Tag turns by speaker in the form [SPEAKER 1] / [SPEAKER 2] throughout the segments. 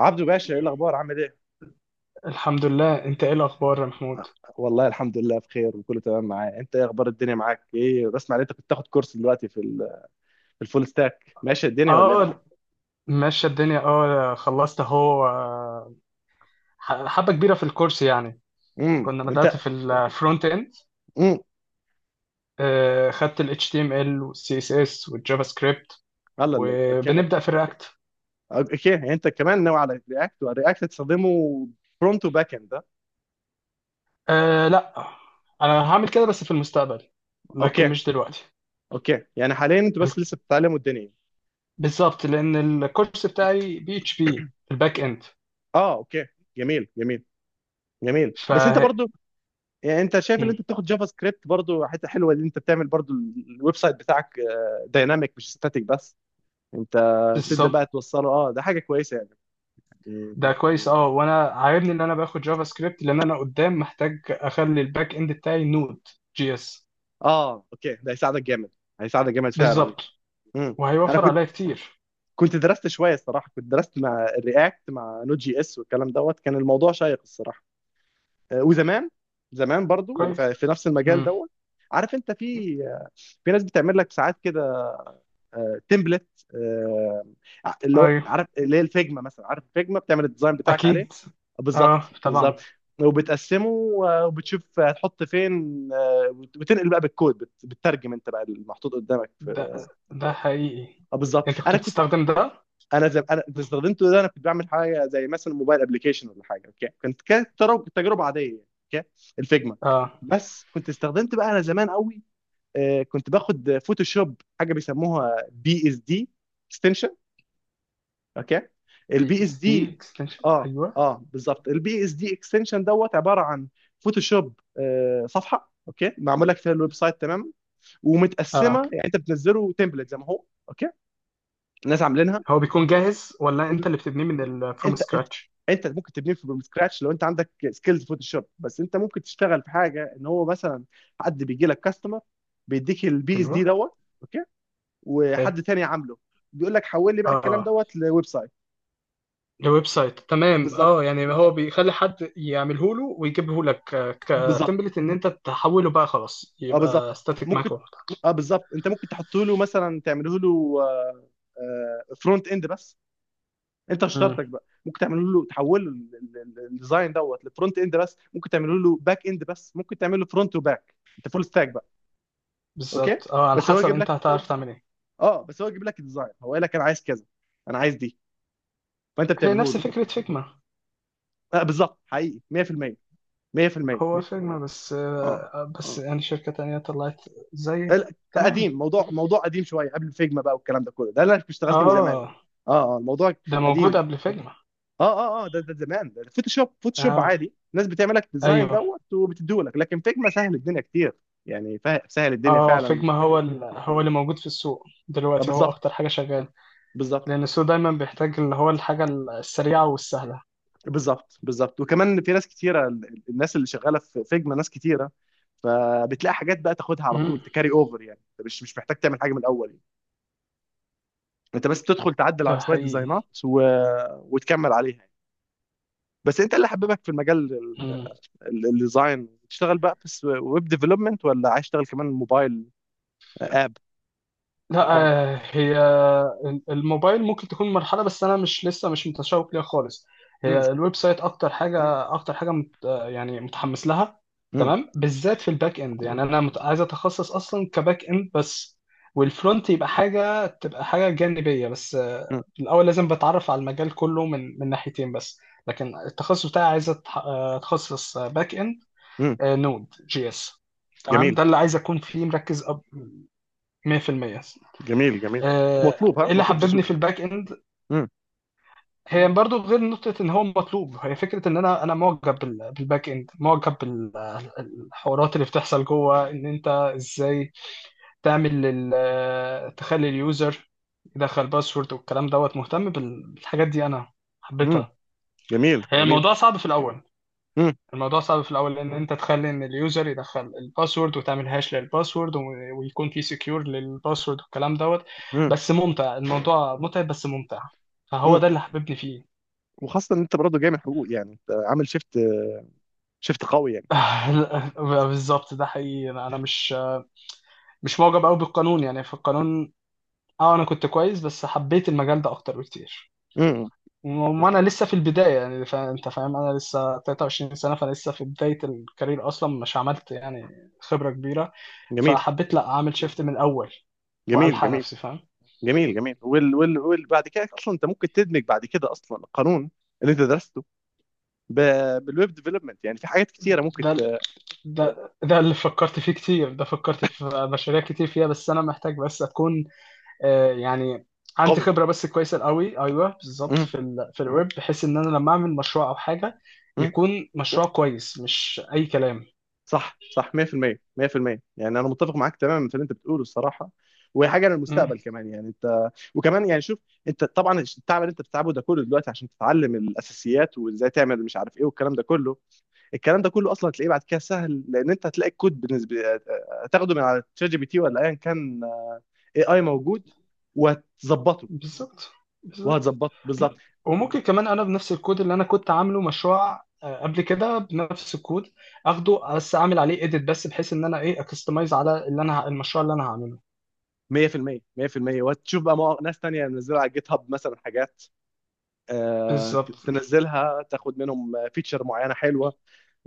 [SPEAKER 1] عبدو باشا، ايه الاخبار؟ عامل ايه؟
[SPEAKER 2] الحمد لله، انت ايه الاخبار يا محمود؟
[SPEAKER 1] والله، الحمد لله بخير وكله تمام معايا. انت ايه اخبار الدنيا معاك؟ ايه، بسمع ان انت كنت تاخد كورس دلوقتي في في الفول ستاك. ماشي الدنيا ولا ايه معاك؟
[SPEAKER 2] اه، ماشيه الدنيا. اه خلصت اهو. حبه كبيره في الكورس يعني. كنا بدات
[SPEAKER 1] انت.
[SPEAKER 2] في الفرونت اند.
[SPEAKER 1] امم
[SPEAKER 2] خدت ال HTML وال CSS والجافا سكريبت،
[SPEAKER 1] الله الله الله. اوكي.
[SPEAKER 2] وبنبدا في الرياكت.
[SPEAKER 1] اوكي، يعني انت كمان ناوي على رياكت؟ ورياكت تستخدمه فرونت وباك اند ده؟
[SPEAKER 2] آه، لا. انا هعمل كده بس في المستقبل، لكن
[SPEAKER 1] اوكي.
[SPEAKER 2] مش دلوقتي.
[SPEAKER 1] اوكي، يعني حاليا انتوا
[SPEAKER 2] ال-
[SPEAKER 1] بس لسه بتتعلموا الدنيا.
[SPEAKER 2] بالظبط، لان الكورس بتاعي بي اتش بي الباك اند.
[SPEAKER 1] اه، اوكي. جميل جميل. جميل
[SPEAKER 2] ف
[SPEAKER 1] بس انت برضو، يعني انت شايف ان
[SPEAKER 2] مم.
[SPEAKER 1] انت بتاخد جافا سكريبت برضو حته حلوه ان انت بتعمل برضو الويب سايت بتاعك دايناميك مش ستاتيك بس. انت تبدا بقى
[SPEAKER 2] بالظبط.
[SPEAKER 1] توصله، اه ده حاجه كويسه يعني.
[SPEAKER 2] ده
[SPEAKER 1] يعني-
[SPEAKER 2] كويس. اه، وانا عاجبني ان انا باخد جافا سكريبت، لان انا قدام محتاج اخلي الباك اند بتاعي نود جي اس.
[SPEAKER 1] اه اوكي، ده هيساعدك جامد. هيساعدك جامد فعلا يعني.
[SPEAKER 2] بالظبط،
[SPEAKER 1] امم انا
[SPEAKER 2] وهيوفر
[SPEAKER 1] كنت،
[SPEAKER 2] عليا كتير.
[SPEAKER 1] درست شويه الصراحه. كنت درست مع الرياكت مع نوت جي اس والكلام دوت. كان الموضوع شيق الصراحه. وزمان، زمان برضو
[SPEAKER 2] كويس.
[SPEAKER 1] في نفس المجال
[SPEAKER 2] امم.
[SPEAKER 1] دوت. عارف انت في، في ناس بتعمل لك ساعات كده تمبلت، اللي هو
[SPEAKER 2] ايوه،
[SPEAKER 1] عارف اللي هي الفيجما مثلا. عارف الفيجما بتعمل الديزاين بتاعك عليه.
[SPEAKER 2] اكيد. اه،
[SPEAKER 1] بالظبط
[SPEAKER 2] طبعا.
[SPEAKER 1] بالظبط. وبتقسمه، وبتشوف هتحط فين، وتنقل بقى بالكود، بتترجم انت بقى المحطوط قدامك في.
[SPEAKER 2] ده حقيقي.
[SPEAKER 1] اه بالظبط.
[SPEAKER 2] انت
[SPEAKER 1] انا
[SPEAKER 2] كنت
[SPEAKER 1] كنت،
[SPEAKER 2] بتستخدم ده؟
[SPEAKER 1] انا زي انا انت استخدمته ده. انا كنت بعمل حاجه زي مثلا موبايل ابلكيشن ولا حاجه، اوكي. كانت تجربه عاديه يعني. اوكي الفيجما.
[SPEAKER 2] اه،
[SPEAKER 1] بس كنت استخدمت بقى انا زمان قوي. كنت باخد فوتوشوب، حاجه بيسموها بي اس دي. اوكي. البي
[SPEAKER 2] في
[SPEAKER 1] اس
[SPEAKER 2] سي
[SPEAKER 1] دي.
[SPEAKER 2] اكستنشن.
[SPEAKER 1] اه
[SPEAKER 2] ايوه،
[SPEAKER 1] اه بالظبط، البي اس دي اكستنشن دوت عباره عن فوتوشوب. آه صفحه اوكي معمول لك فيها الويب سايت تماما.
[SPEAKER 2] اه،
[SPEAKER 1] ومتقسمه، يعني انت بتنزله تمبلت زي ما هو اوكي. الناس عاملينها.
[SPEAKER 2] هو بيكون جاهز، ولا
[SPEAKER 1] وب...
[SPEAKER 2] انت اللي بتبنيه من الفروم
[SPEAKER 1] انت،
[SPEAKER 2] سكراتش؟
[SPEAKER 1] انت ممكن تبنيه فروم سكراتش لو انت عندك سكيلز فوتوشوب. بس انت ممكن تشتغل في حاجه ان هو مثلا حد بيجي لك كاستمر بيديك البي اس
[SPEAKER 2] ايوه،
[SPEAKER 1] دي دوت، اوكي،
[SPEAKER 2] حلو.
[SPEAKER 1] وحد تاني عامله بيقول لك حول لي بقى الكلام
[SPEAKER 2] اه،
[SPEAKER 1] دوت لويب سايت.
[SPEAKER 2] الويب سايت، تمام.
[SPEAKER 1] بالظبط
[SPEAKER 2] اه يعني هو بيخلي حد يعمله له ويجيبه لك
[SPEAKER 1] بالظبط.
[SPEAKER 2] كتمبلت، ان انت تحوله بقى خلاص
[SPEAKER 1] اه بالظبط.
[SPEAKER 2] يبقى ستاتيك معاك
[SPEAKER 1] ممكن،
[SPEAKER 2] واحد.
[SPEAKER 1] اه بالظبط، انت ممكن تحط له مثلا، تعمله له فرونت اند بس. انت
[SPEAKER 2] امم،
[SPEAKER 1] اشترتك بقى ممكن تعمله له تحول له الديزاين دوت لفرونت اند بس، ممكن تعمله له باك اند بس، ممكن تعمل له فرونت وباك انت فول ستاك بقى. اوكي.
[SPEAKER 2] بالظبط. اه، على
[SPEAKER 1] بس هو
[SPEAKER 2] حسب
[SPEAKER 1] يجيب
[SPEAKER 2] انت
[SPEAKER 1] لك،
[SPEAKER 2] هتعرف تعمل ايه.
[SPEAKER 1] اه بس هو يجيب لك الديزاين. هو قال لك انا عايز كذا، انا عايز دي، فانت
[SPEAKER 2] هي
[SPEAKER 1] بتعمله
[SPEAKER 2] نفس
[SPEAKER 1] له.
[SPEAKER 2] فكرة فيجما.
[SPEAKER 1] آه بالظبط، حقيقي 100% 100%.
[SPEAKER 2] هو فيجما بس،
[SPEAKER 1] اه
[SPEAKER 2] بس يعني شركة تانية طلعت زي.
[SPEAKER 1] ال-
[SPEAKER 2] تمام.
[SPEAKER 1] قديم، موضوع قديم شويه قبل فيجما بقى والكلام ده كله. ده اللي انا كنت اشتغلت بيه زمان يعني.
[SPEAKER 2] اه،
[SPEAKER 1] اه اه الموضوع
[SPEAKER 2] ده
[SPEAKER 1] قديم
[SPEAKER 2] موجود
[SPEAKER 1] يعني.
[SPEAKER 2] قبل فيجما.
[SPEAKER 1] اه اه اه ده زمان، ده فوتوشوب. فوتوشوب
[SPEAKER 2] اه،
[SPEAKER 1] عادي الناس بتعمل لك ديزاين
[SPEAKER 2] ايوه.
[SPEAKER 1] دوت وبتديه لك، لكن فيجما سهل الدنيا كتير يعني. سهل الدنيا
[SPEAKER 2] اه،
[SPEAKER 1] فعلا.
[SPEAKER 2] فيجما هو هو اللي موجود في السوق دلوقتي، هو اكتر
[SPEAKER 1] بالظبط
[SPEAKER 2] حاجة شغال،
[SPEAKER 1] بالظبط.
[SPEAKER 2] لان السوق دايما بيحتاج اللي هو الحاجة السريعة والسهلة.
[SPEAKER 1] بالظبط بالظبط. وكمان في ناس كتيره، الناس اللي شغاله في فيجما ناس كتيره، فبتلاقي حاجات بقى تاخدها على طول تكاري اوفر، يعني انت مش محتاج تعمل حاجه من الاول يعني. انت بس تدخل تعدل على
[SPEAKER 2] ده
[SPEAKER 1] شويه
[SPEAKER 2] حقيقي.
[SPEAKER 1] ديزاينات وتكمل عليها يعني. بس انت اللي حببك في المجال،
[SPEAKER 2] مم.
[SPEAKER 1] الديزاين، تشتغل بقى في ويب ديفلوبمنت ولا عايز تشتغل كمان موبايل؟ آه،
[SPEAKER 2] لا، طب هي الموبايل ممكن تكون مرحلة، بس أنا مش لسه مش متشوق ليها خالص.
[SPEAKER 1] اب.
[SPEAKER 2] هي الويب سايت أكتر حاجة. أكتر حاجة مت آه، يعني متحمس لها.
[SPEAKER 1] مم.
[SPEAKER 2] تمام، بالذات في الباك إند. يعني أنا عايز أتخصص أصلا كباك إند بس، والفرونت يبقى حاجة، تبقى حاجة جانبية بس.
[SPEAKER 1] مم.
[SPEAKER 2] الأول لازم بتعرف على المجال كله من ناحيتين بس، لكن التخصص بتاعي عايز أتخصص باك إند،
[SPEAKER 1] مم.
[SPEAKER 2] نود جي إس. تمام،
[SPEAKER 1] جميل
[SPEAKER 2] ده اللي عايز أكون فيه مركز. 100%.
[SPEAKER 1] جميل جميل. ومطلوب، ها،
[SPEAKER 2] ايه اللي
[SPEAKER 1] مطلوب في
[SPEAKER 2] حببني
[SPEAKER 1] السوق.
[SPEAKER 2] في الباك اند؟
[SPEAKER 1] مم.
[SPEAKER 2] هي برضو غير نقطة ان هو مطلوب، هي فكرة ان انا معجب بالباك اند، معجب بالحوارات اللي بتحصل جوه، ان انت ازاي تعمل تخلي اليوزر يدخل باسورد والكلام دوت. مهتم بالحاجات دي انا،
[SPEAKER 1] مم.
[SPEAKER 2] حبيتها.
[SPEAKER 1] جميل
[SPEAKER 2] هي
[SPEAKER 1] جميل.
[SPEAKER 2] الموضوع صعب في الاول.
[SPEAKER 1] مم.
[SPEAKER 2] الموضوع صعب في الاول، لان انت تخلي ان اليوزر يدخل الباسورد، وتعمل هاش للباسورد ويكون في سكيور للباسورد والكلام دوت.
[SPEAKER 1] مم.
[SPEAKER 2] بس ممتع، الموضوع متعب بس ممتع.
[SPEAKER 1] مم.
[SPEAKER 2] فهو ده اللي حببني فيه.
[SPEAKER 1] وخاصة ان انت برضه جاي من حقوق، يعني انت عامل شيفت، شيفت قوي يعني.
[SPEAKER 2] بالظبط، ده حقيقي. أنا مش معجب قوي بالقانون، يعني في القانون. اه، انا كنت كويس، بس حبيت المجال ده اكتر بكتير.
[SPEAKER 1] مم.
[SPEAKER 2] وما انا لسه في البدايه، يعني انت فاهم، انا لسه 23 سنه، فانا لسه في بدايه الكارير، اصلا مش عملت يعني خبره كبيره.
[SPEAKER 1] جميل
[SPEAKER 2] فحبيت لا اعمل شيفت من الاول،
[SPEAKER 1] جميل.
[SPEAKER 2] والحق
[SPEAKER 1] جميل
[SPEAKER 2] نفسي. فاهم.
[SPEAKER 1] جميل جميل. وال بعد كده اصلا انت ممكن تدمج بعد كده اصلا القانون اللي انت درسته ب... بالويب ديفلوبمنت. يعني في حاجات كتيرة ممكن
[SPEAKER 2] ده ده اللي فكرت فيه كتير، ده فكرت في مشاريع كتير فيها، بس انا محتاج بس اكون يعني عندي
[SPEAKER 1] قوي.
[SPEAKER 2] خبره بس كويسه قوي. ايوه بالظبط،
[SPEAKER 1] مم.
[SPEAKER 2] في الويب، بحيث ان انا لما اعمل مشروع او حاجه
[SPEAKER 1] مم.
[SPEAKER 2] يكون مشروع كويس مش اي كلام.
[SPEAKER 1] صح صح، 100% 100%. يعني انا متفق معاك تماما في اللي انت بتقوله الصراحه. وهي حاجه للمستقبل كمان يعني. انت وكمان يعني شوف، انت طبعا التعب اللي انت بتتعبه ده كله دلوقتي عشان تتعلم الاساسيات وازاي تعمل مش عارف ايه والكلام ده كله، الكلام ده كله اصلا هتلاقيه بعد كده سهل. لان انت هتلاقي الكود بالنسبه هتاخده من على تشات جي بي تي ولا ايا كان. اي موجود وهتظبطه.
[SPEAKER 2] بالظبط، بالظبط.
[SPEAKER 1] وهتظبطه بالظبط
[SPEAKER 2] وممكن كمان انا بنفس الكود اللي انا كنت عامله مشروع قبل كده، بنفس الكود اخده بس اعمل عليه اديت، بس بحيث ان انا ايه اكستمايز على اللي انا المشروع اللي انا هعمله.
[SPEAKER 1] 100% 100%. وهتشوف بقى مواقع، ناس تانية منزله على جيت هاب مثلا حاجات، آه،
[SPEAKER 2] بالظبط.
[SPEAKER 1] تنزلها تاخد منهم فيتشر معينه حلوه.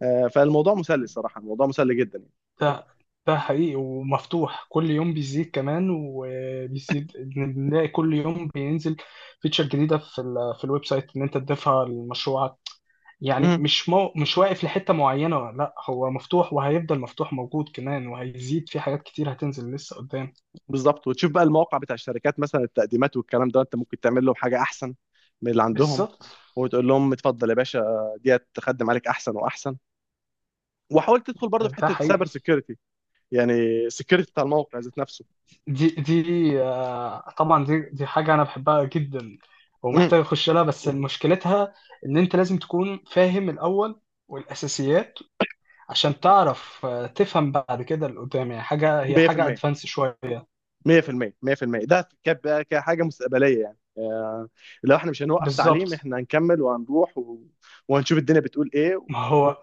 [SPEAKER 1] فالموضوع مسلي صراحه، الموضوع مسلي جدا يعني.
[SPEAKER 2] ده ده حقيقي، ومفتوح كل يوم بيزيد كمان وبيزيد. بنلاقي كل يوم بينزل فيتشر جديده في الويب سايت ان انت تضيفها لمشروعك. يعني
[SPEAKER 1] مم،
[SPEAKER 2] مش مش واقف لحتة معينة. لا، هو مفتوح وهيفضل مفتوح موجود كمان، وهيزيد في حاجات كتير هتنزل لسه قدام.
[SPEAKER 1] بالظبط. وتشوف بقى المواقع بتاع الشركات مثلا التقديمات والكلام ده، انت ممكن تعمل لهم حاجه احسن من اللي عندهم
[SPEAKER 2] بالظبط،
[SPEAKER 1] وتقول لهم اتفضل يا باشا، ديت تخدم عليك احسن واحسن. وحاول تدخل برضه في
[SPEAKER 2] ده
[SPEAKER 1] حته
[SPEAKER 2] حقيقي.
[SPEAKER 1] سايبر سيكيورتي يعني، سيكيورتي بتاع الموقع ذات نفسه.
[SPEAKER 2] دي دي آه، طبعا دي حاجة أنا بحبها جدا،
[SPEAKER 1] مم،
[SPEAKER 2] ومحتاج أخش لها، بس مشكلتها إن أنت لازم تكون فاهم الأول والأساسيات، عشان تعرف تفهم بعد كده اللي قدام، يعني حاجة، هي حاجة
[SPEAKER 1] 100%
[SPEAKER 2] أدفانس شوية.
[SPEAKER 1] 100% 100%. ده كحاجه مستقبليه يعني. لو احنا مش هنوقف تعليم،
[SPEAKER 2] بالظبط.
[SPEAKER 1] احنا هنكمل وهنروح وهنشوف الدنيا بتقول ايه
[SPEAKER 2] ما هو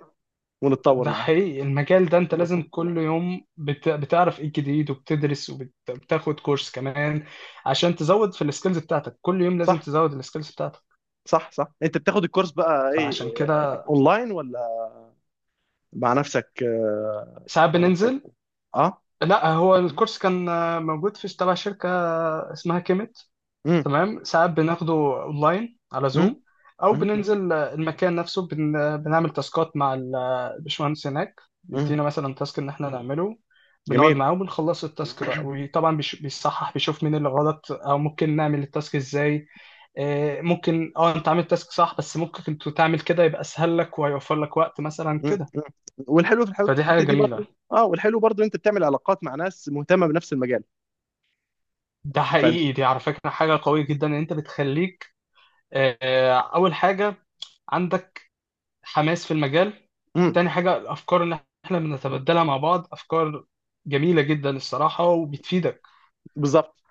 [SPEAKER 1] ونتطور
[SPEAKER 2] ده
[SPEAKER 1] معاها.
[SPEAKER 2] حقيقي، المجال ده انت لازم كل يوم بتعرف ايه جديد وبتدرس وبتاخد كورس كمان، عشان تزود في السكيلز بتاعتك. كل يوم لازم
[SPEAKER 1] صح
[SPEAKER 2] تزود السكيلز بتاعتك.
[SPEAKER 1] صح صح. انت بتاخد الكورس بقى ايه،
[SPEAKER 2] فعشان كده
[SPEAKER 1] اونلاين ولا مع نفسك؟ اه.
[SPEAKER 2] ساعات بننزل.
[SPEAKER 1] آه؟
[SPEAKER 2] لا، هو الكورس كان موجود في تبع شركة اسمها كيميت.
[SPEAKER 1] امم.
[SPEAKER 2] تمام، ساعات بناخده اونلاين على
[SPEAKER 1] امم.
[SPEAKER 2] زوم، او
[SPEAKER 1] امم.
[SPEAKER 2] بننزل المكان نفسه. بنعمل تاسكات مع الباشمهندس هناك.
[SPEAKER 1] أمم.
[SPEAKER 2] بيدينا مثلا تاسك ان احنا نعمله، بنقعد
[SPEAKER 1] جميل.
[SPEAKER 2] معاه وبنخلص التاسك بقى، وطبعا بيصحح، بيشوف مين اللي غلط، او ممكن نعمل التاسك ازاي. ممكن اه انت عامل تاسك صح، بس ممكن انت تعمل كده يبقى اسهل لك وهيوفر لك وقت مثلا
[SPEAKER 1] أمم،
[SPEAKER 2] كده.
[SPEAKER 1] أمم. والحلو في
[SPEAKER 2] فدي حاجه
[SPEAKER 1] الحته دي
[SPEAKER 2] جميله.
[SPEAKER 1] برضو، اه والحلو برضو انت بتعمل علاقات مع ناس مهتمه بنفس المجال،
[SPEAKER 2] ده
[SPEAKER 1] فانت.
[SPEAKER 2] حقيقي، دي على فكره حاجه قويه جدا، ان انت بتخليك اول حاجه عندك حماس في المجال،
[SPEAKER 1] امم.
[SPEAKER 2] تاني حاجة الأفكار اللي احنا بنتبادلها مع بعض، أفكار جميلة جدا الصراحة وبتفيدك.
[SPEAKER 1] بالظبط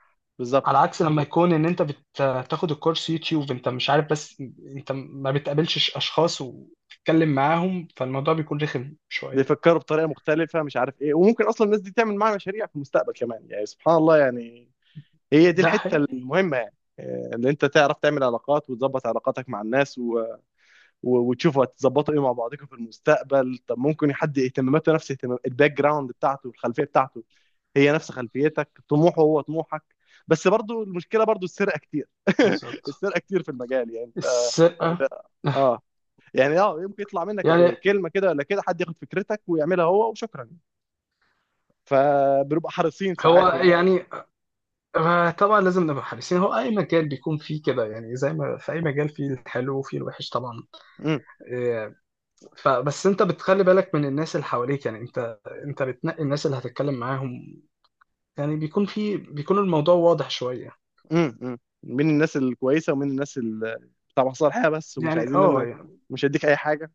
[SPEAKER 2] على
[SPEAKER 1] بالظبط.
[SPEAKER 2] عكس لما يكون إن أنت بتاخد الكورس يوتيوب أنت مش عارف بس، أنت ما بتقابلش أشخاص وتتكلم معاهم، فالموضوع بيكون رخم شوية.
[SPEAKER 1] بيفكروا بطريقه مختلفه مش عارف ايه. وممكن اصلا الناس دي تعمل معاها مشاريع في المستقبل كمان يعني سبحان الله يعني. هي دي
[SPEAKER 2] ده
[SPEAKER 1] الحته
[SPEAKER 2] حقيقي.
[SPEAKER 1] المهمه يعني، اللي انت تعرف تعمل علاقات وتظبط علاقاتك مع الناس وتشوفوا هتظبطوا ايه مع بعضكم في المستقبل. طب ممكن حد اهتماماته نفس اهتمام الباك جراوند بتاعته، الخلفيه بتاعته هي نفس خلفيتك، طموحه هو طموحك. بس برضو المشكله برضو السرقه كتير.
[SPEAKER 2] بالظبط.
[SPEAKER 1] السرقه كتير في المجال. يعني انت
[SPEAKER 2] السرقة.
[SPEAKER 1] اه يعني اه، يمكن يطلع منك
[SPEAKER 2] يعني
[SPEAKER 1] كلمه كده ولا كده، حد ياخد فكرتك ويعملها هو وشكرا. فبنبقى حريصين
[SPEAKER 2] هو
[SPEAKER 1] ساعات يعني.
[SPEAKER 2] يعني، طبعا لازم نبقى حريصين. هو أي مجال بيكون فيه كده، يعني زي ما في أي مجال فيه الحلو وفيه الوحش طبعا.
[SPEAKER 1] مم.
[SPEAKER 2] آه، فبس انت بتخلي بالك من الناس اللي حواليك، يعني انت بتنقي الناس اللي هتتكلم معاهم. يعني بيكون الموضوع واضح شوية،
[SPEAKER 1] مم. مم. من الناس الكويسه ومن الناس بتاع مصالحه بس ومش
[SPEAKER 2] يعني
[SPEAKER 1] عايزين
[SPEAKER 2] اه
[SPEAKER 1] منك.
[SPEAKER 2] يعني
[SPEAKER 1] مش هديك اي حاجه.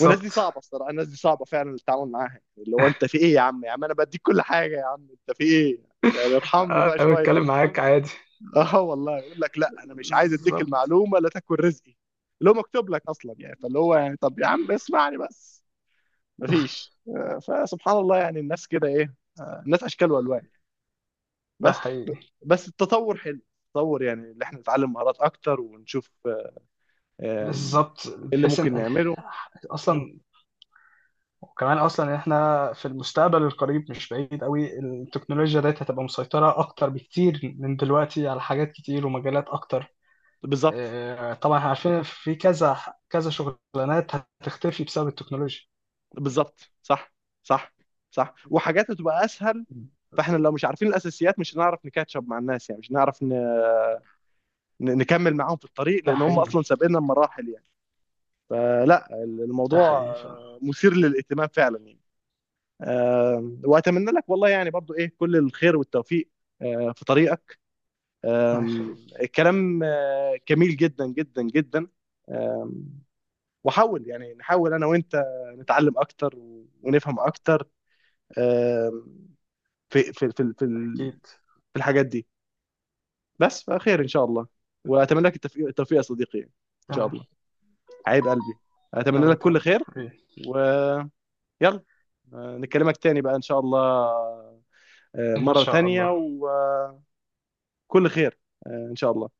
[SPEAKER 1] والناس دي صعبه الصراحه، الناس دي صعبه فعلا التعامل معاها، اللي هو انت في ايه يا عم؟ يا عم انا بديك كل حاجه، يا عم انت في ايه؟ يعني ارحمني بقى
[SPEAKER 2] انا
[SPEAKER 1] شويه.
[SPEAKER 2] بتكلم معاك بالظبط، عادي.
[SPEAKER 1] اه والله، يقول لك لا انا مش عايز اديك
[SPEAKER 2] بالظبط،
[SPEAKER 1] المعلومه لا تاكل رزقي، اللي هو مكتوب لك اصلا يعني. فاللي هو يعني طب يا عم اسمعني بس. مفيش، فسبحان الله يعني. الناس كده ايه؟ الناس اشكال والوان.
[SPEAKER 2] ده
[SPEAKER 1] بس، ب-
[SPEAKER 2] حقيقي.
[SPEAKER 1] بس التطور حلو. التطور يعني اللي احنا نتعلم مهارات اكتر ونشوف، آم،
[SPEAKER 2] بالظبط،
[SPEAKER 1] ايه اللي
[SPEAKER 2] بحيث
[SPEAKER 1] ممكن
[SPEAKER 2] ان
[SPEAKER 1] نعمله.
[SPEAKER 2] اصلا، وكمان اصلا احنا في المستقبل القريب، مش بعيد قوي، التكنولوجيا ديت هتبقى مسيطرة اكتر بكتير من دلوقتي على حاجات كتير ومجالات اكتر.
[SPEAKER 1] بالظبط
[SPEAKER 2] طبعا احنا عارفين في كذا كذا شغلانات هتختفي بسبب التكنولوجيا
[SPEAKER 1] بالظبط. صح صح صح. وحاجات هتبقى اسهل.
[SPEAKER 2] بس.
[SPEAKER 1] فاحنا لو مش عارفين الاساسيات مش هنعرف نكاتشب مع الناس يعني. مش هنعرف نكمل معاهم في الطريق
[SPEAKER 2] ده
[SPEAKER 1] لان هم
[SPEAKER 2] حقيقي.
[SPEAKER 1] اصلا سابقنا بمراحل يعني. فلا
[SPEAKER 2] ده
[SPEAKER 1] الموضوع،
[SPEAKER 2] حقيقي فعلا.
[SPEAKER 1] مثير للاهتمام فعلا يعني. واتمنى لك والله يعني برضو ايه كل الخير والتوفيق، في طريقك.
[SPEAKER 2] الله
[SPEAKER 1] أم،
[SPEAKER 2] يخليك.
[SPEAKER 1] الكلام، جميل جدا جدا جدا. آه، وحاول يعني نحاول انا وانت نتعلم اكتر ونفهم اكتر، آم، في
[SPEAKER 2] أكيد،
[SPEAKER 1] في الحاجات دي بس. فخير ان شاء الله. واتمنى لك التوفيق يا صديقي ان شاء
[SPEAKER 2] تمام.
[SPEAKER 1] الله. حبيب قلبي،
[SPEAKER 2] أنا
[SPEAKER 1] اتمنى لك
[SPEAKER 2] وأنت.
[SPEAKER 1] كل خير.
[SPEAKER 2] إيه،
[SPEAKER 1] ويلا، نكلمك تاني بقى ان شاء الله.
[SPEAKER 2] إن
[SPEAKER 1] مرة
[SPEAKER 2] شاء
[SPEAKER 1] تانية
[SPEAKER 2] الله.
[SPEAKER 1] وكل خير. ان شاء الله.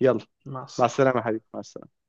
[SPEAKER 1] يلا.
[SPEAKER 2] مع
[SPEAKER 1] مع
[SPEAKER 2] السلامة.
[SPEAKER 1] السلامة يا حبيبي مع السلامة.